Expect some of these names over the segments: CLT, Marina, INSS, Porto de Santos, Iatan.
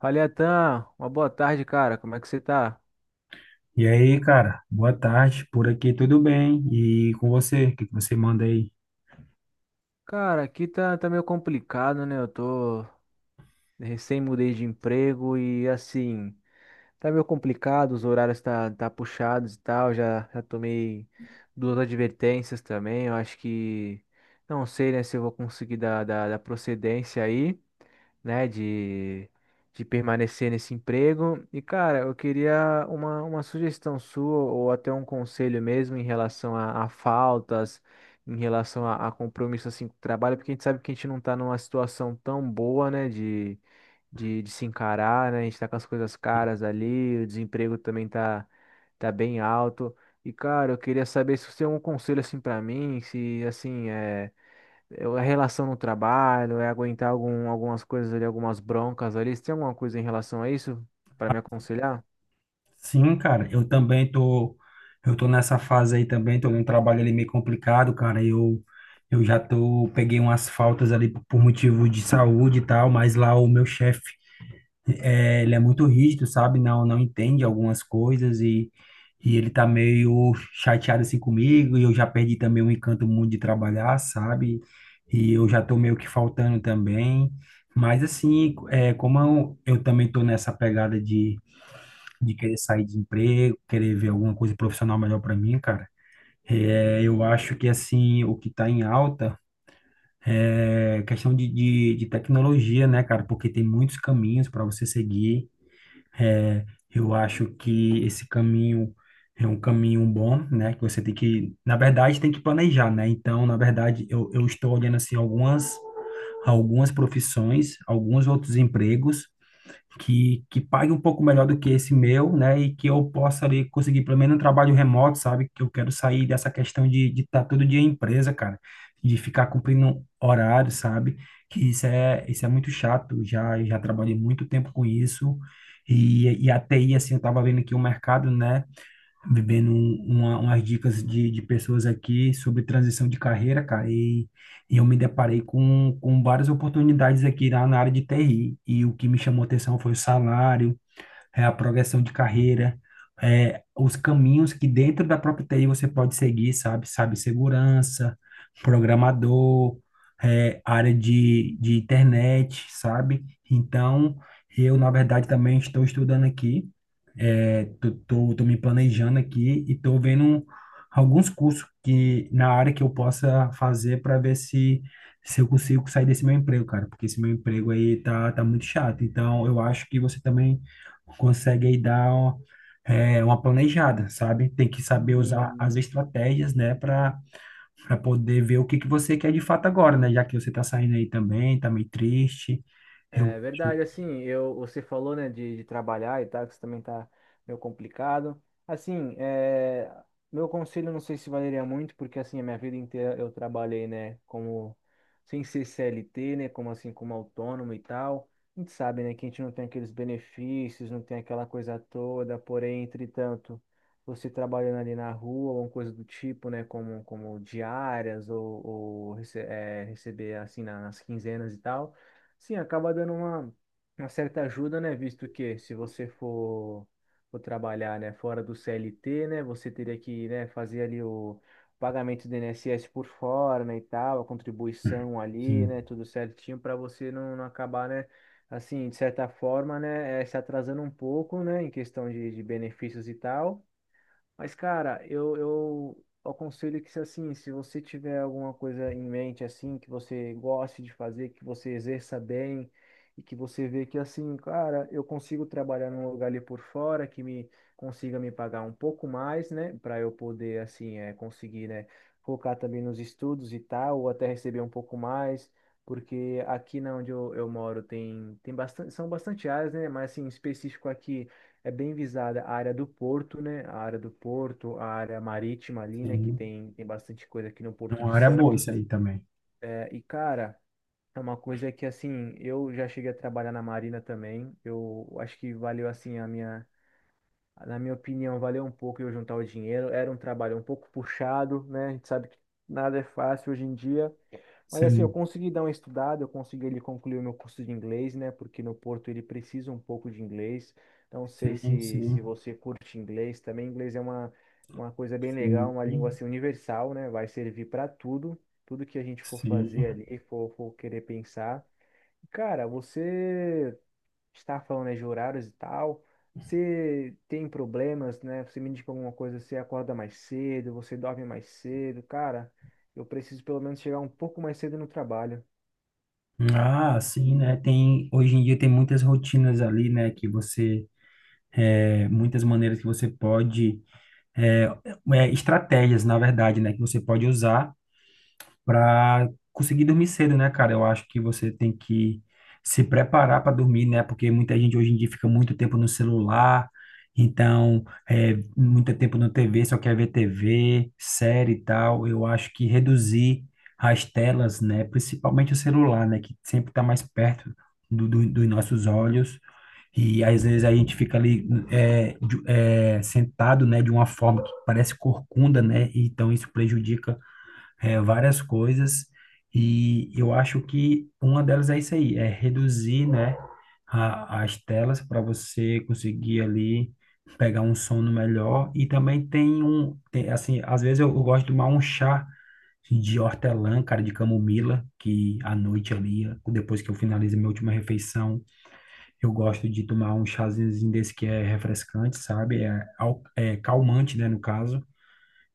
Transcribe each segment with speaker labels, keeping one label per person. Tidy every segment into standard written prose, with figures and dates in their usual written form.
Speaker 1: Fala, Iatan. Uma boa tarde, cara. Como é que você tá?
Speaker 2: E aí, cara, boa tarde. Por aqui tudo bem? E com você, o que que você manda aí?
Speaker 1: Cara, aqui tá meio complicado, né? Eu tô recém mudei de emprego e assim, tá meio complicado, os horários tá puxados e tal. Já tomei duas advertências também. Eu acho que não sei, né, se eu vou conseguir dar procedência aí, né, de permanecer nesse emprego. E, cara, eu queria uma sugestão sua ou até um conselho mesmo em relação a faltas, em relação a compromisso assim com o trabalho, porque a gente sabe que a gente não tá numa situação tão boa, né, de se encarar, né? A gente tá com as coisas caras ali, o desemprego também tá bem alto. E, cara, eu queria saber se você tem um conselho assim pra mim, se assim, é a relação no trabalho, é aguentar algumas coisas ali, algumas broncas ali. Você tem alguma coisa em relação a isso pra me aconselhar?
Speaker 2: Sim, cara, eu tô nessa fase aí também, tô num trabalho ali meio complicado, cara. Eu já tô, peguei umas faltas ali por motivo de saúde e tal, mas lá o meu chefe é, ele é muito rígido, sabe? Não, não entende algumas coisas e ele tá meio chateado assim comigo. E eu já perdi também o encanto muito de trabalhar, sabe? E eu já tô meio que faltando também. Mas assim, como eu também tô nessa pegada de querer sair de emprego, querer ver alguma coisa profissional melhor para mim, cara, eu acho que assim, o que tá em alta. É questão de tecnologia, né, cara? Porque tem muitos caminhos para você seguir. É, eu acho que esse caminho é um caminho bom, né? Que você tem que, na verdade, tem que planejar, né? Então, na verdade, eu estou olhando assim algumas profissões, alguns outros empregos que pague um pouco melhor do que esse meu, né? E que eu possa ali conseguir pelo menos um trabalho remoto, sabe? Que eu quero sair dessa questão de estar todo dia em empresa, cara, de ficar cumprindo horário, sabe? Que isso é muito chato. Já trabalhei muito tempo com isso. E a TI, assim, eu estava vendo aqui o mercado, né, bebendo umas dicas de pessoas aqui sobre transição de carreira, cara, e eu me deparei com várias oportunidades aqui na área de TI, e o que me chamou atenção foi o salário, a progressão de carreira, os caminhos que dentro da própria TI você pode seguir, sabe? Sabe, segurança, programador, área de internet, sabe? Então, eu, na verdade, também estou estudando aqui, tô me planejando aqui e tô vendo alguns cursos que na área que eu possa fazer para ver se eu consigo sair desse meu emprego, cara, porque esse meu emprego aí tá muito chato. Então, eu acho que você também consegue aí dar uma planejada, sabe? Tem que saber usar as estratégias, né, para poder ver o que que você quer de fato agora, né? Já que você tá saindo aí também, tá meio triste. Eu,
Speaker 1: É
Speaker 2: eu-
Speaker 1: verdade, assim, eu, você falou, né, de trabalhar e tal, que isso também tá meio complicado. Assim, é, meu conselho não sei se valeria muito, porque assim, a minha vida inteira eu trabalhei, né, como, sem ser CLT, né, como assim, como autônomo e tal. A gente sabe, né, que a gente não tem aqueles benefícios, não tem aquela coisa toda, porém, entretanto, você trabalhando ali na rua, ou coisa do tipo, né, como, como diárias, ou receber, assim, nas quinzenas e tal. Sim, acaba dando uma certa ajuda, né? Visto que se você for, for trabalhar, né, fora do CLT, né, você teria que, né, fazer ali o pagamento do INSS por fora, né, e tal, a contribuição ali, né,
Speaker 2: sim,
Speaker 1: tudo certinho para você não, não acabar, né, assim, de certa forma, né, se atrasando um pouco, né, em questão de benefícios e tal. Mas, cara, eu aconselho que, se assim, se você tiver alguma coisa em mente, assim, que você goste de fazer, que você exerça bem e que você vê que, assim, cara, eu consigo trabalhar num lugar ali por fora que me consiga me pagar um pouco mais, né, para eu poder, assim, é, conseguir, né, focar também nos estudos e tal, ou até receber um pouco mais. Porque aqui na onde eu moro tem, tem bastante, são bastante áreas, né? Mas assim, em específico aqui é bem visada a área do porto, né? A área do porto, a área marítima ali, né? Que
Speaker 2: sim.
Speaker 1: tem, tem bastante coisa aqui no
Speaker 2: É
Speaker 1: Porto de
Speaker 2: uma área boa isso
Speaker 1: Santos.
Speaker 2: aí também.
Speaker 1: É, e, cara, é uma coisa que, assim, eu já cheguei a trabalhar na Marina também. Eu acho que valeu, assim, a minha. Na minha opinião, valeu um pouco eu juntar o dinheiro. Era um trabalho um pouco puxado, né? A gente sabe que nada é fácil hoje em dia. Mas assim, eu
Speaker 2: Sim,
Speaker 1: consegui dar uma estudada, eu consegui ele concluir o meu curso de inglês, né? Porque no Porto ele precisa um pouco de inglês. Então, não sei
Speaker 2: sim,
Speaker 1: se,
Speaker 2: sim,
Speaker 1: se você curte inglês também. Inglês é uma coisa bem legal, uma língua
Speaker 2: sim,
Speaker 1: assim, universal, né? Vai servir para tudo, tudo que a gente for
Speaker 2: sim.
Speaker 1: fazer ali, for, for querer pensar. Cara, você está falando, né, de horários e tal. Você tem problemas, né? Você me indica alguma coisa, você acorda mais cedo, você dorme mais cedo. Cara, eu preciso pelo menos chegar um pouco mais cedo no trabalho.
Speaker 2: Ah, sim, né? Tem, hoje em dia tem muitas rotinas ali, né? Que você, muitas maneiras que você pode, é, estratégias, na verdade, né? Que você pode usar. Para conseguir dormir cedo, né, cara? Eu acho que você tem que se preparar para dormir, né? Porque muita gente hoje em dia fica muito tempo no celular, então, muito tempo na TV, só quer ver TV, série e tal. Eu acho que reduzir as telas, né? Principalmente o celular, né? Que sempre está mais perto dos nossos olhos. E às vezes a gente fica ali sentado, né, de uma forma que parece corcunda, né? Então isso prejudica várias coisas e eu acho que uma delas é isso aí, é reduzir, né, as telas para você conseguir ali pegar um sono melhor e também tem, assim, às vezes eu gosto de tomar um chá de hortelã, cara, de camomila, que à noite ali, depois que eu finalizo minha última refeição, eu gosto de tomar um chazinho desse que é refrescante, sabe? É calmante, né, no caso.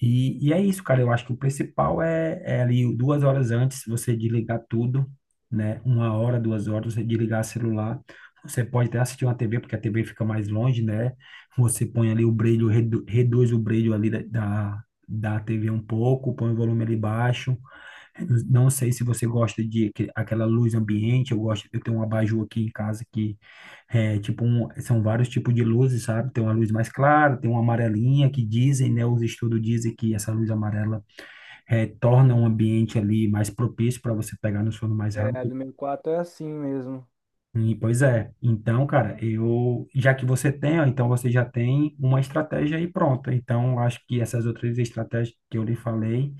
Speaker 2: E é isso, cara. Eu acho que o principal é ali 2 horas antes você desligar tudo, né? 1 hora, 2 horas, você desligar o celular. Você pode até assistir uma TV, porque a TV fica mais longe, né? Você põe ali o brilho, reduz o brilho ali da TV um pouco, põe o volume ali baixo. Não sei se você gosta de aquela luz ambiente, eu gosto, eu tenho um abajur aqui em casa que é tipo um, são vários tipos de luzes, sabe? Tem uma luz mais clara, tem uma amarelinha que dizem, né, os estudos dizem que essa luz amarela torna um ambiente ali mais propício para você pegar no sono mais
Speaker 1: É,
Speaker 2: rápido.
Speaker 1: do meu quarto é assim mesmo.
Speaker 2: E, pois é. Então, cara, eu já que você tem, ó, então você já tem uma estratégia aí pronta. Então, acho que essas outras estratégias que eu lhe falei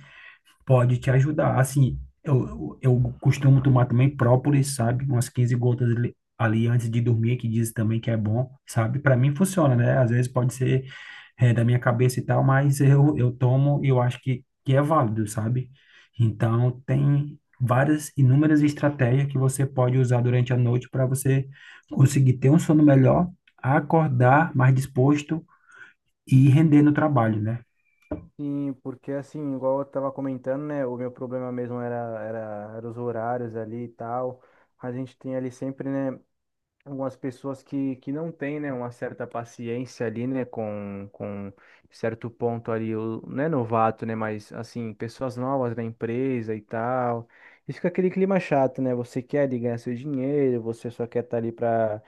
Speaker 2: pode te ajudar. Assim, eu costumo tomar também própolis, sabe? Umas 15 gotas ali antes de dormir, que diz também que é bom, sabe? Para mim funciona, né? Às vezes pode ser da minha cabeça e tal, mas eu tomo e eu acho que é válido, sabe? Então, tem várias, inúmeras estratégias que você pode usar durante a noite para você conseguir ter um sono melhor, acordar mais disposto e render no trabalho, né?
Speaker 1: Sim, porque assim, igual eu tava comentando, né? O meu problema mesmo era os horários ali e tal. A gente tem ali sempre, né? Algumas pessoas que não têm, né, uma certa paciência ali, né, com certo ponto ali, não é novato, né, mas assim, pessoas novas na empresa e tal. E fica aquele clima chato, né? Você quer ali ganhar seu dinheiro, você só quer estar ali para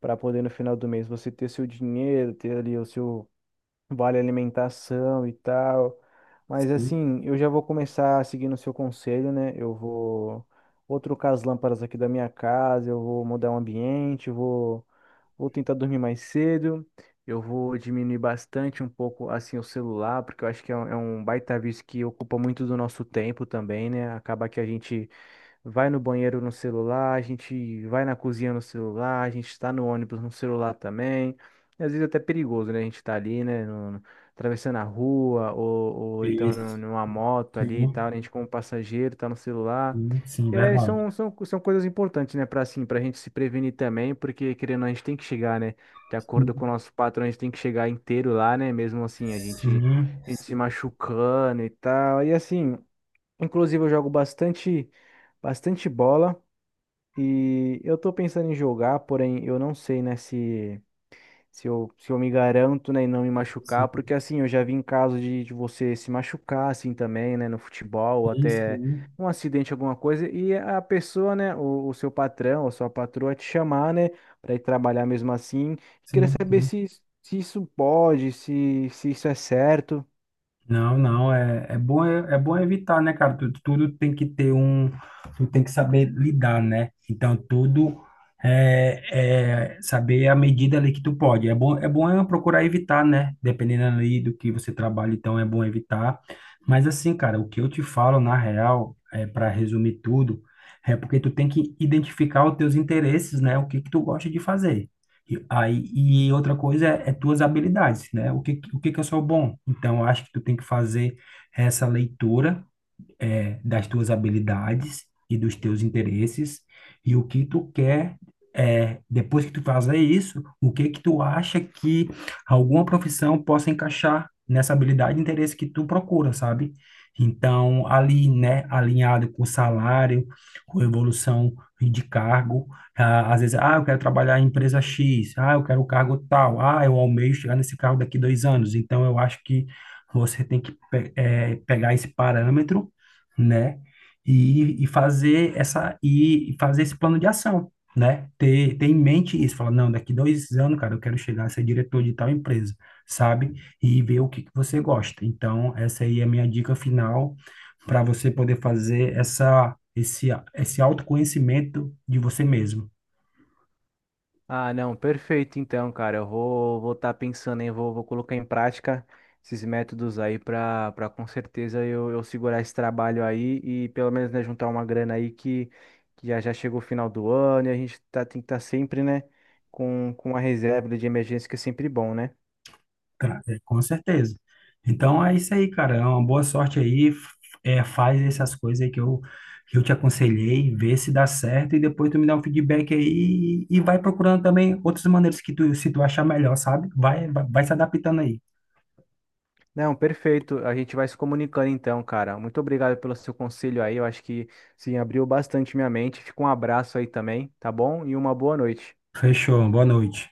Speaker 1: para poder no final do mês você ter seu dinheiro, ter ali o seu vale alimentação e tal. Mas
Speaker 2: Sim,
Speaker 1: assim, eu já vou começar seguindo o seu conselho, né? Eu vou, vou trocar as lâmpadas aqui da minha casa, eu vou mudar o ambiente, eu vou, vou tentar dormir mais cedo, eu vou diminuir bastante um pouco assim o celular, porque eu acho que é um baita vício que ocupa muito do nosso tempo também, né? Acaba que a gente vai no banheiro no celular, a gente vai na cozinha no celular, a gente está no ônibus no celular também. E às vezes é até perigoso, né? A gente tá ali, né? Atravessando a rua, ou então
Speaker 2: isso.
Speaker 1: numa moto ali e
Speaker 2: Sim.
Speaker 1: tal, a gente como passageiro tá no celular.
Speaker 2: Sim, sim,
Speaker 1: E aí
Speaker 2: verdade.
Speaker 1: são coisas importantes, né? Para assim, para a gente se prevenir também, porque querendo, ou não, a gente tem que chegar, né? De
Speaker 2: Sim,
Speaker 1: acordo com o nosso patrão, a gente tem que chegar inteiro lá, né? Mesmo assim,
Speaker 2: sim,
Speaker 1: a gente se
Speaker 2: sim,
Speaker 1: machucando e tal. E assim. Inclusive, eu jogo bastante, bastante bola e eu tô pensando em jogar, porém eu não sei, né, se, se eu me garanto, né, em não me machucar,
Speaker 2: sim,
Speaker 1: porque assim, eu já vi em caso de você se machucar, assim, também, né, no futebol, ou
Speaker 2: sim, sim,
Speaker 1: até
Speaker 2: sim,
Speaker 1: um acidente, alguma coisa, e a pessoa, né, o seu patrão ou sua patroa te chamar, né, pra ir trabalhar mesmo assim. Queria
Speaker 2: sim,
Speaker 1: saber
Speaker 2: sim.
Speaker 1: se, se isso pode, se isso é certo.
Speaker 2: Não, não, é bom, é bom evitar, né, cara? Tudo, tudo tem que ter um, tu tem que saber lidar, né? Então, tudo é saber a medida ali que tu pode. É bom é procurar evitar, né? Dependendo ali do que você trabalha, então é bom evitar. Mas assim, cara, o que eu te falo, na real, é para resumir tudo, é porque tu tem que identificar os teus interesses, né? O que que tu gosta de fazer. E, aí, e outra coisa é tuas habilidades, né? O que que eu sou bom? Então, eu acho que tu tem que fazer essa leitura, das tuas habilidades e dos teus interesses e o que tu quer, depois que tu fazer isso, o que que tu acha que alguma profissão possa encaixar nessa habilidade e interesse que tu procura, sabe? Então, ali, né, alinhado com salário, com evolução de cargo, ah, às vezes, ah, eu quero trabalhar em empresa X, ah, eu quero o cargo tal, ah, eu almejo chegar nesse cargo daqui 2 anos. Então, eu acho que você tem que pegar esse parâmetro, né? E fazer esse plano de ação, né? Ter em mente isso, falar, não, daqui 2 anos, cara, eu quero chegar a ser diretor de tal empresa, sabe? E ver o que que você gosta. Então, essa aí é a minha dica final para você poder fazer essa esse esse autoconhecimento de você mesmo.
Speaker 1: Ah, não, perfeito então, cara. Eu vou estar pensando em vou colocar em prática esses métodos aí para para com certeza eu segurar esse trabalho aí e pelo menos, né, juntar uma grana aí que já chegou o final do ano e a gente tá tem que estar sempre, né, com uma reserva de emergência que é sempre bom, né?
Speaker 2: Com certeza. Então é isso aí, cara. É uma boa sorte aí. Faz essas coisas aí que eu te aconselhei, vê se dá certo e depois tu me dá um feedback aí e vai procurando também outras maneiras que tu, se tu achar melhor, sabe? Vai, vai, vai se adaptando aí.
Speaker 1: Não, perfeito. A gente vai se comunicando então, cara. Muito obrigado pelo seu conselho aí. Eu acho que sim, abriu bastante minha mente. Fica um abraço aí também, tá bom? E uma boa noite.
Speaker 2: Fechou. Boa noite.